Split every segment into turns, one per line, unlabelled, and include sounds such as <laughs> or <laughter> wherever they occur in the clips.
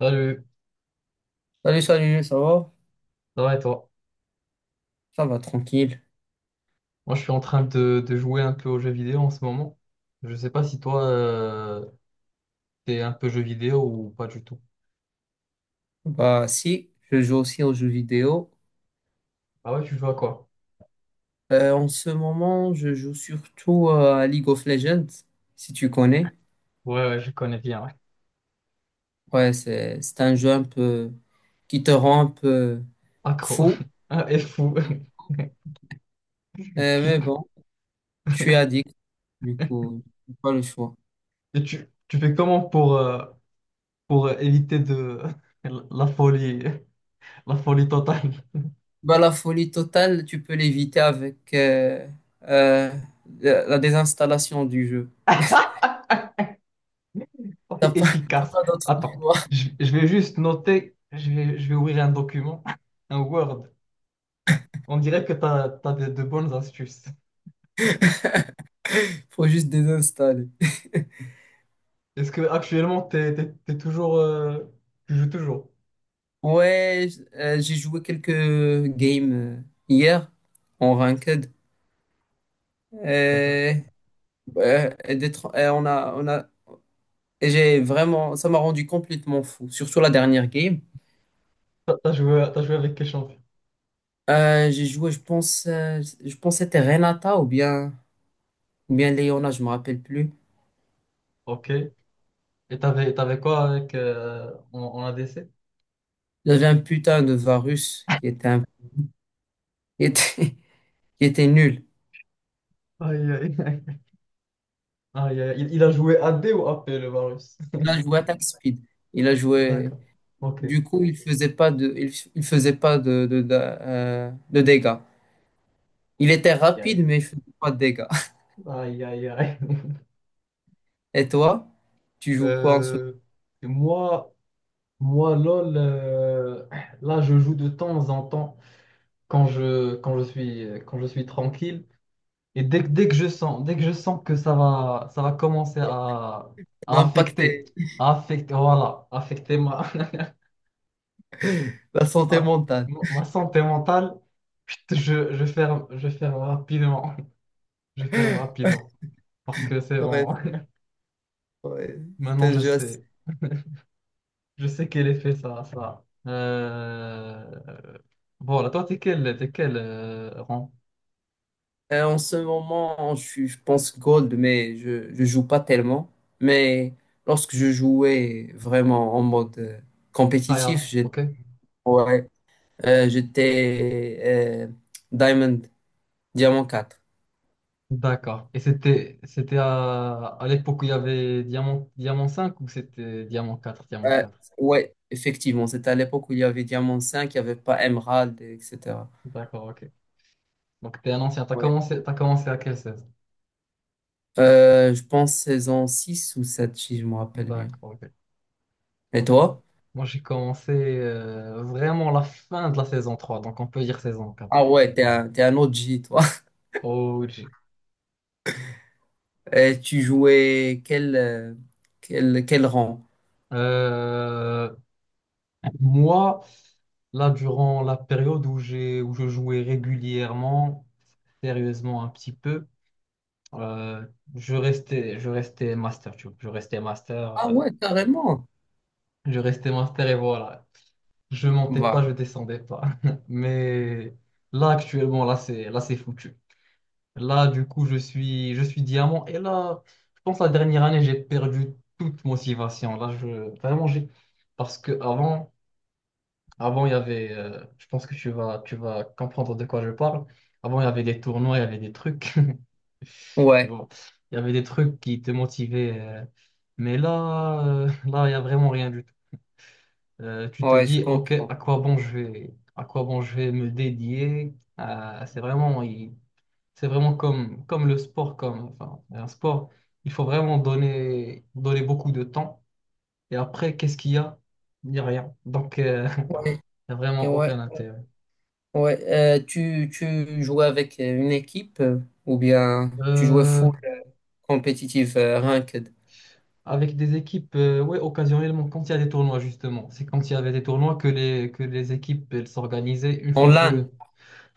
Salut,
Salut, salut, ça va?
ça va et toi?
Ça va, tranquille.
Moi je suis en train de jouer un peu aux jeux vidéo en ce moment. Je sais pas si toi t'es un peu jeu vidéo ou pas du tout.
Bah si, je joue aussi aux jeux vidéo.
Ah ouais, tu joues à quoi?
En ce moment, je joue surtout à League of Legends, si tu connais.
Ouais, ouais, je connais bien, ouais.
Ouais, c'est un jeu un peu qui te rend un peu
Accro.
fou.
<laughs> Ah, et fou. <laughs> Qui-
Mais bon, je suis addict, du coup, j'ai pas le choix.
Et tu fais comment pour éviter de <laughs> la folie, la folie totale?
Bah la folie totale, tu peux l'éviter avec euh, la désinstallation du jeu.
<laughs>
T'as
C'est
pas, <laughs> t'as
efficace.
pas d'autre
Attends,
choix.
je vais juste noter, je vais ouvrir un document, <laughs> un Word. On dirait que t'as de bonnes astuces.
<laughs> Faut juste désinstaller.
Est-ce que actuellement t'es toujours tu joues toujours?
Ouais, j'ai joué quelques games hier en ranked.
D'accord.
Euh, euh, d'être- on a, et J'ai vraiment, ça m'a rendu complètement fou. Surtout la dernière game.
T'as joué avec quel champion?
J'ai joué, je pense que c'était Renata ou bien Leona, je me rappelle plus.
Ok. Et t'avais quoi avec en, en ADC?
J'avais un putain de Varus qui était, qui était, <laughs> qui était nul.
Aïe, aïe, aïe. Aïe, aïe. Il a joué AD ou AP le Varus?
Il a joué attack speed. Il a
<laughs>
joué.
D'accord. Ok.
Du coup, il faisait pas de dégâts. Il était rapide,
Aïe,
mais il faisait pas de dégâts. <laughs>
aïe, aïe. Aïe, aïe.
Et toi, tu joues quoi en ce moment?
Euh, et moi moi LOL, là je joue de temps en temps quand je suis tranquille. Et dès que je sens, dès que je sens que ça va commencer
Ça
à
va
affecter,
impacter
à affecter, voilà, affecter ma,
la
<laughs>
santé
ma,
mentale.
ma santé mentale. Chut, je ferme rapidement, <laughs> je ferme
<laughs>
rapidement, parce que c'est bon.
Ouais,
<laughs>
ouais, c'est
Maintenant,
un jeu assez-
je sais quel effet ça, a, ça. A. Voilà, toi, t'es quel rang?
En ce moment, je suis, je pense gold, mais je joue pas tellement. Mais lorsque je jouais vraiment en mode compétitif,
Tryhard,
j'étais
ok?
ouais, j'étais Diamond, Diamant 4.
D'accord. Et c'était à l'époque où il y avait Diamant, Diamant 5, ou c'était Diamant 4, Diamant
Euh,
4.
ouais, effectivement, c'était à l'époque où il y avait Diamant 5, il n'y avait pas Emerald, etc.
D'accord, ok. Donc t'es un ancien, t'as commencé à quelle saison?
Je pense saison 6 ou 7 si je me rappelle bien.
D'accord, ok.
Et
Ok.
toi?
Moi j'ai commencé vraiment la fin de la saison 3, donc on peut dire saison
Ah
4.
ouais, t'es un O G toi.
Oh.
<laughs> Et tu jouais quel rang?
Euh, moi, Là, durant la période où je jouais régulièrement, sérieusement un petit peu, euh, je restais master, tu vois. Je restais master.
Ah ouais, carrément.
Je restais master et voilà. Je montais pas, je
Bah,
descendais pas. <laughs> Mais là, actuellement, là, c'est foutu. Là, du coup, je suis diamant. Et là, je pense la dernière année, j'ai perdu toute motivation. Là, je, vraiment, j'ai. Parce que avant, avant, il y avait. Je pense que tu vas comprendre de quoi je parle. Avant, il y avait des tournois, il y avait des trucs. <laughs> Tu
ouais,
vois, il y avait des trucs qui te motivaient. Mais là, là, il y a vraiment rien du tu te
ouais, je
dis, OK,
comprends.
à quoi bon je vais me dédier? C'est vraiment, c'est vraiment comme, comme le sport, comme, enfin, un sport, il faut vraiment donner, donner beaucoup de temps. Et après, qu'est-ce qu'il y a? Il n'y a rien. Donc,
Ouais,
<laughs> il n'y a
et
vraiment
ouais,
aucun intérêt.
ouais. Tu jouais avec une équipe ou bien tu jouais
Euh,
full compétitive ranked?
Avec des équipes, ouais, occasionnellement, quand il y a des tournois, justement, c'est quand il y avait des tournois que les équipes, elles s'organisaient une
En
fois que...
LAN?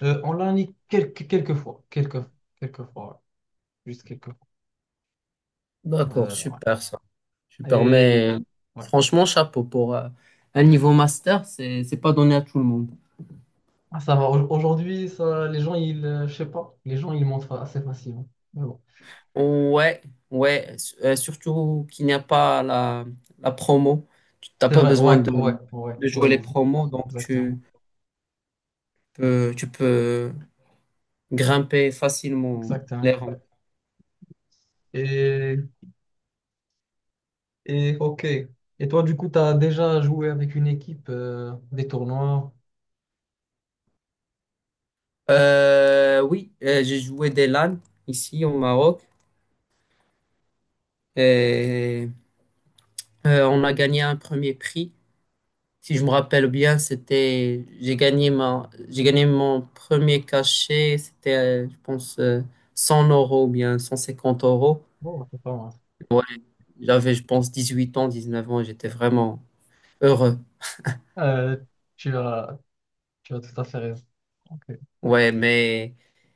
On l'a mis quelques, quelques fois, ouais, juste quelques.
D'accord,
Ouais.
super ça. Super,
Et
mais
ouais.
franchement, chapeau pour un niveau master, c'est pas donné à tout le monde.
Ah, ça va. Aujourd'hui, ça, les gens, je sais pas, les gens, ils montrent assez facilement. Mais bon.
Ouais, ouais, surtout qu'il n'y a pas la, la promo. Tu n'as
C'est
pas
vrai,
besoin
ouais, ouais, ouais,
de
ouais,
jouer les
easy.
promos, donc
Exactement.
tu peux grimper facilement les
Exactement.
rangs.
Et, et ok. Et toi, du coup, tu as déjà joué avec une équipe, des tournois.
Oui, j'ai joué des LAN ici au Maroc et on a gagné un premier prix. Si je me rappelle bien, c'était, j'ai gagné mon premier cachet, c'était, je pense, 100 euros ou bien 150 euros.
Bon, bah, c'est pas mal.
Ouais, j'avais, je pense, 18 ans, 19 ans, et j'étais vraiment heureux.
Euh, Tu as, tu as tout à fait raison. Ok.
Ouais, mais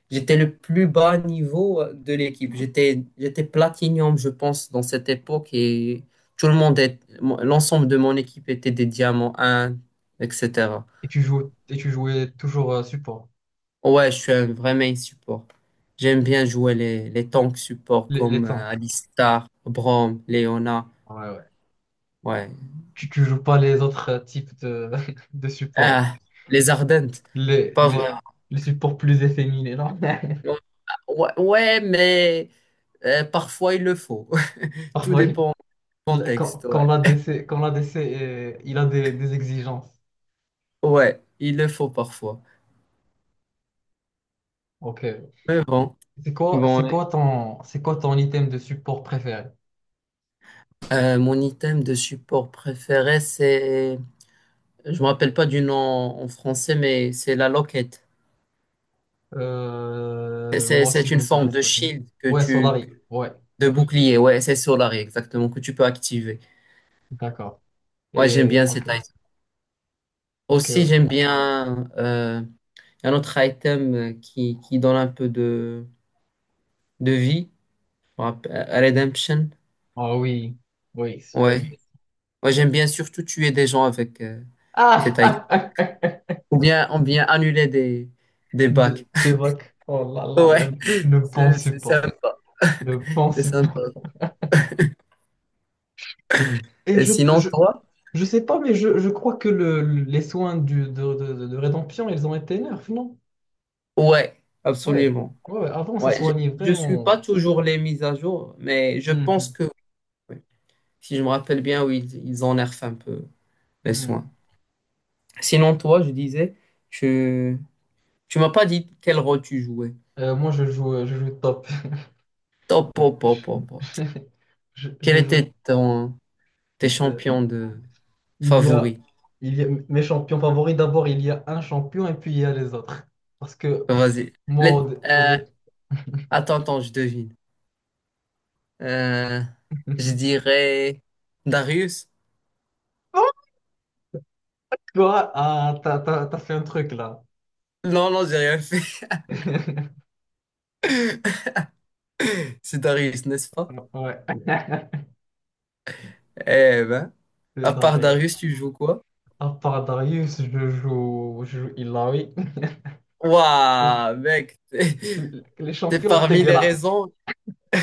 j'étais le plus bas niveau de l'équipe. J'étais platinum, je pense, dans cette époque et tout le monde est, l'ensemble de mon équipe était des diamants 1, etc.
Et tu joues, et tu jouais toujours support,
Ouais, je suis un vrai main support. J'aime bien jouer les tanks support
les
comme
tanks.
Alistar, Braum, Leona.
Ouais, ouais.
Ouais.
Tu joues pas les autres types de, <laughs> de supports.
Ah, les Ardentes.
les,
Pas vrai.
les, les supports plus efféminés, là.
Ouais, ouais, mais parfois il le faut.
<laughs>
<laughs> Tout
Parfois,
dépend du
quand,
contexte.
quand
Ouais.
l'ADC, quand l'ADC il a des exigences.
Ouais, il le faut parfois.
Ok.
Mais bon. Bon,
C'est quoi ton item de support préféré?
mon item de support préféré, c'est. Je me rappelle pas du nom en français, mais c'est la loquette. C'est
Moi aussi,
c'est
je
une
me
forme
souviens
de
pas du nom.
shield que
Ouais,
tu,
Solari. Ouais,
De bouclier, ouais, c'est Solary, exactement, que tu peux activer.
d'accord.
Ouais, j'aime
Et,
bien cet
ok,
item.
ok,
Aussi,
ok.
j'aime bien un autre item qui donne un peu de vie. On rappelle- Redemption.
Ah oui, oui,
Ouais. Ouais, j'aime bien surtout tuer des gens avec cet item.
Ah!
Ou bien annuler des
<laughs>
bacs.
Des
<laughs>
vagues. Oh là là là,
Ouais,
le bon
c'est
support.
sympa.
Le bon
C'est sympa.
support. Et
Et sinon, toi?
je sais pas, mais je crois que le, les soins de rédemption, ils ont été nerfs, non?
Ouais,
Ouais.
absolument.
Ouais, ouais, avant, ça
Ouais,
soignait
je suis pas
vraiment.
toujours les mises à jour, mais je pense
Mhm,
que. Ouais, si je me rappelle bien, oui, ils énervent un peu les soins.
mhm.
Sinon, toi, je disais, tu, tu m'as pas dit quel rôle tu jouais.
Je joue, je joue top.
Top, pop, pop, pop,
<laughs>
pop. Quel
Je joue.
était ton, tes
euh,
champions de
il y a,
favoris?
il y a mes champions favoris. D'abord, il y a un champion et puis il y a les autres. Parce que
Bah, vas-y.
moi,
Les- euh, Attends, attends, je devine. Euh, je
<laughs>
dirais Darius.
Oh. Toi, ah, t'as, t'as- T'as fait un truc là.
Non, non, j'ai rien fait.
<laughs>
<laughs> C'est Darius, n'est-ce pas?
Ouais. <laughs>
Eh ben,
C'est
à part
barré.
Darius, tu joues quoi?
À part Darius, je joue Ilaoi.
Waouh, mec, <laughs>
<laughs> Les
c'est
champions
parmi les
dégueulasses.
raisons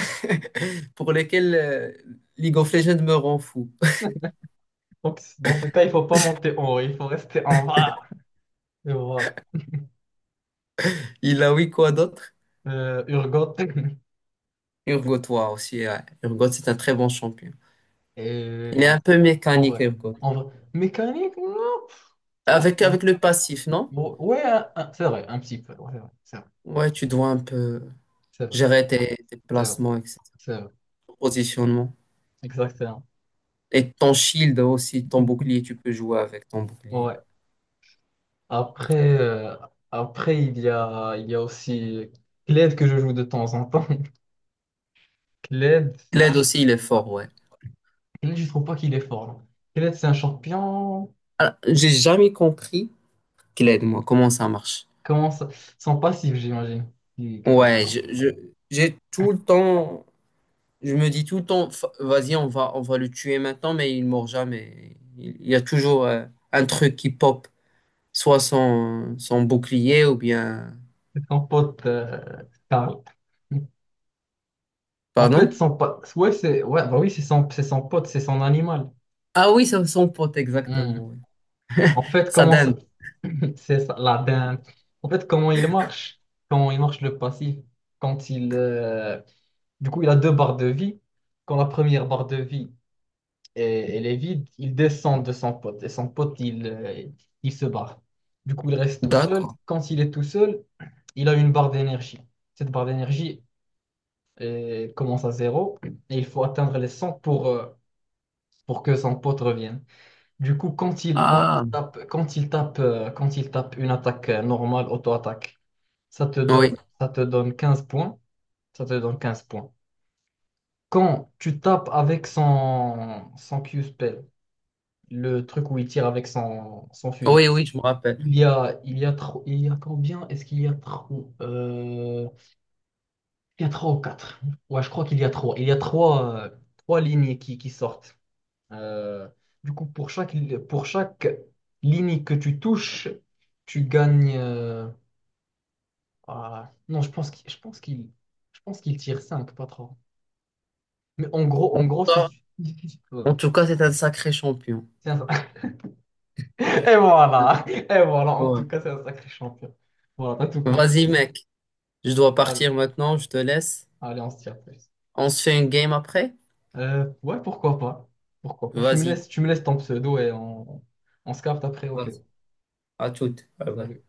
<laughs> pour lesquels League of Legends me rend fou.
Donc, dans ce cas, il faut pas monter en haut, il faut rester en bas. Et voilà.
<laughs> Il a oui quoi d'autre?
Urgot. <laughs>
Urgot, toi aussi. Ouais. Urgot, c'est un très bon champion. Il est
Et
un peu
en
mécanique,
vrai,
Urgot.
en vrai. Mécanique, non, ça
Avec,
va.
avec le passif, non?
Bon, ouais, c'est vrai, un petit peu. Ouais, ouais, c'est vrai,
Ouais, tu dois un peu
c'est vrai,
gérer tes, tes
c'est vrai,
placements, etc.
c'est vrai.
Ton positionnement.
Exactement.
Et ton shield aussi, ton bouclier, tu peux jouer avec ton bouclier.
Ouais. Après, après il y a aussi Kled que je joue de temps en temps. <laughs> Kled.
Kled aussi, il est
Ouais.
fort, ouais.
Kenneth, je trouve pas qu'il est fort, là. Kenneth, c'est un champion.
Alors, j'ai jamais compris Kled, moi, comment ça marche.
Comment ça... Sans passif, j'imagine. Que t'as pas
Ouais,
compris.
j'ai tout le temps je me dis tout le temps, Fa- vas-y, on va le tuer maintenant, mais il mord jamais. Il y a toujours un truc qui pop, soit son, son bouclier ou bien...
C'est son pote, Karl. En fait,
Pardon?
son pote. Ouais, c'est. Ouais, bah oui, c'est son pote, c'est son animal.
Ah oui, c'est son pote,
Hmm.
exactement. Oui.
En fait,
Sa
comment ça.
dinde.
<clears throat> C'est ça, la dinde. En fait, comment il marche? Comment il marche le passif? Quand il. Du coup, il a deux barres de vie. Quand la première barre de vie, et elle est vide, il descend de son pote. Et son pote, il se barre. Du coup, il reste tout seul.
D'accord.
Quand il est tout seul, il a une barre d'énergie. Cette barre d'énergie commence à zéro et il faut atteindre les 100 pour que son pote revienne. Du coup, quand il
Ah,
tape, quand il tape, quand il tape une attaque normale, auto-attaque,
oui,
ça te donne 15 points. Ça te donne 15 points. Quand tu tapes avec son Q-spell, le truc où il tire avec son fusil.
oui, oui, je me rappelle.
Il y a combien? Est-ce qu'il y a trop? Il y a trois ou quatre. Ouais, je crois qu'il y a trois. Il y a trois, trois lignes qui sortent. Euh, du coup, pour chaque ligne que tu touches, tu gagnes. Non, je pense qu'il tire cinq, pas trois. Mais en gros, si
Toi,
tu- <laughs>
en
voilà.
tout cas, c'est un sacré champion.
C'est un- <laughs> Et voilà, et voilà. En
Ouais.
tout cas, c'est un sacré champion. Voilà, t'as tout compris.
Vas-y, mec, je dois
Allez.
partir maintenant, je te laisse.
Allez, on se tire plus.
On se fait une game après?
Ouais, pourquoi pas. Pourquoi pas.
Vas-y.
Tu me laisses ton pseudo et on se capte après. Ok.
Vas-y. À toute. Bye bye.
Salut.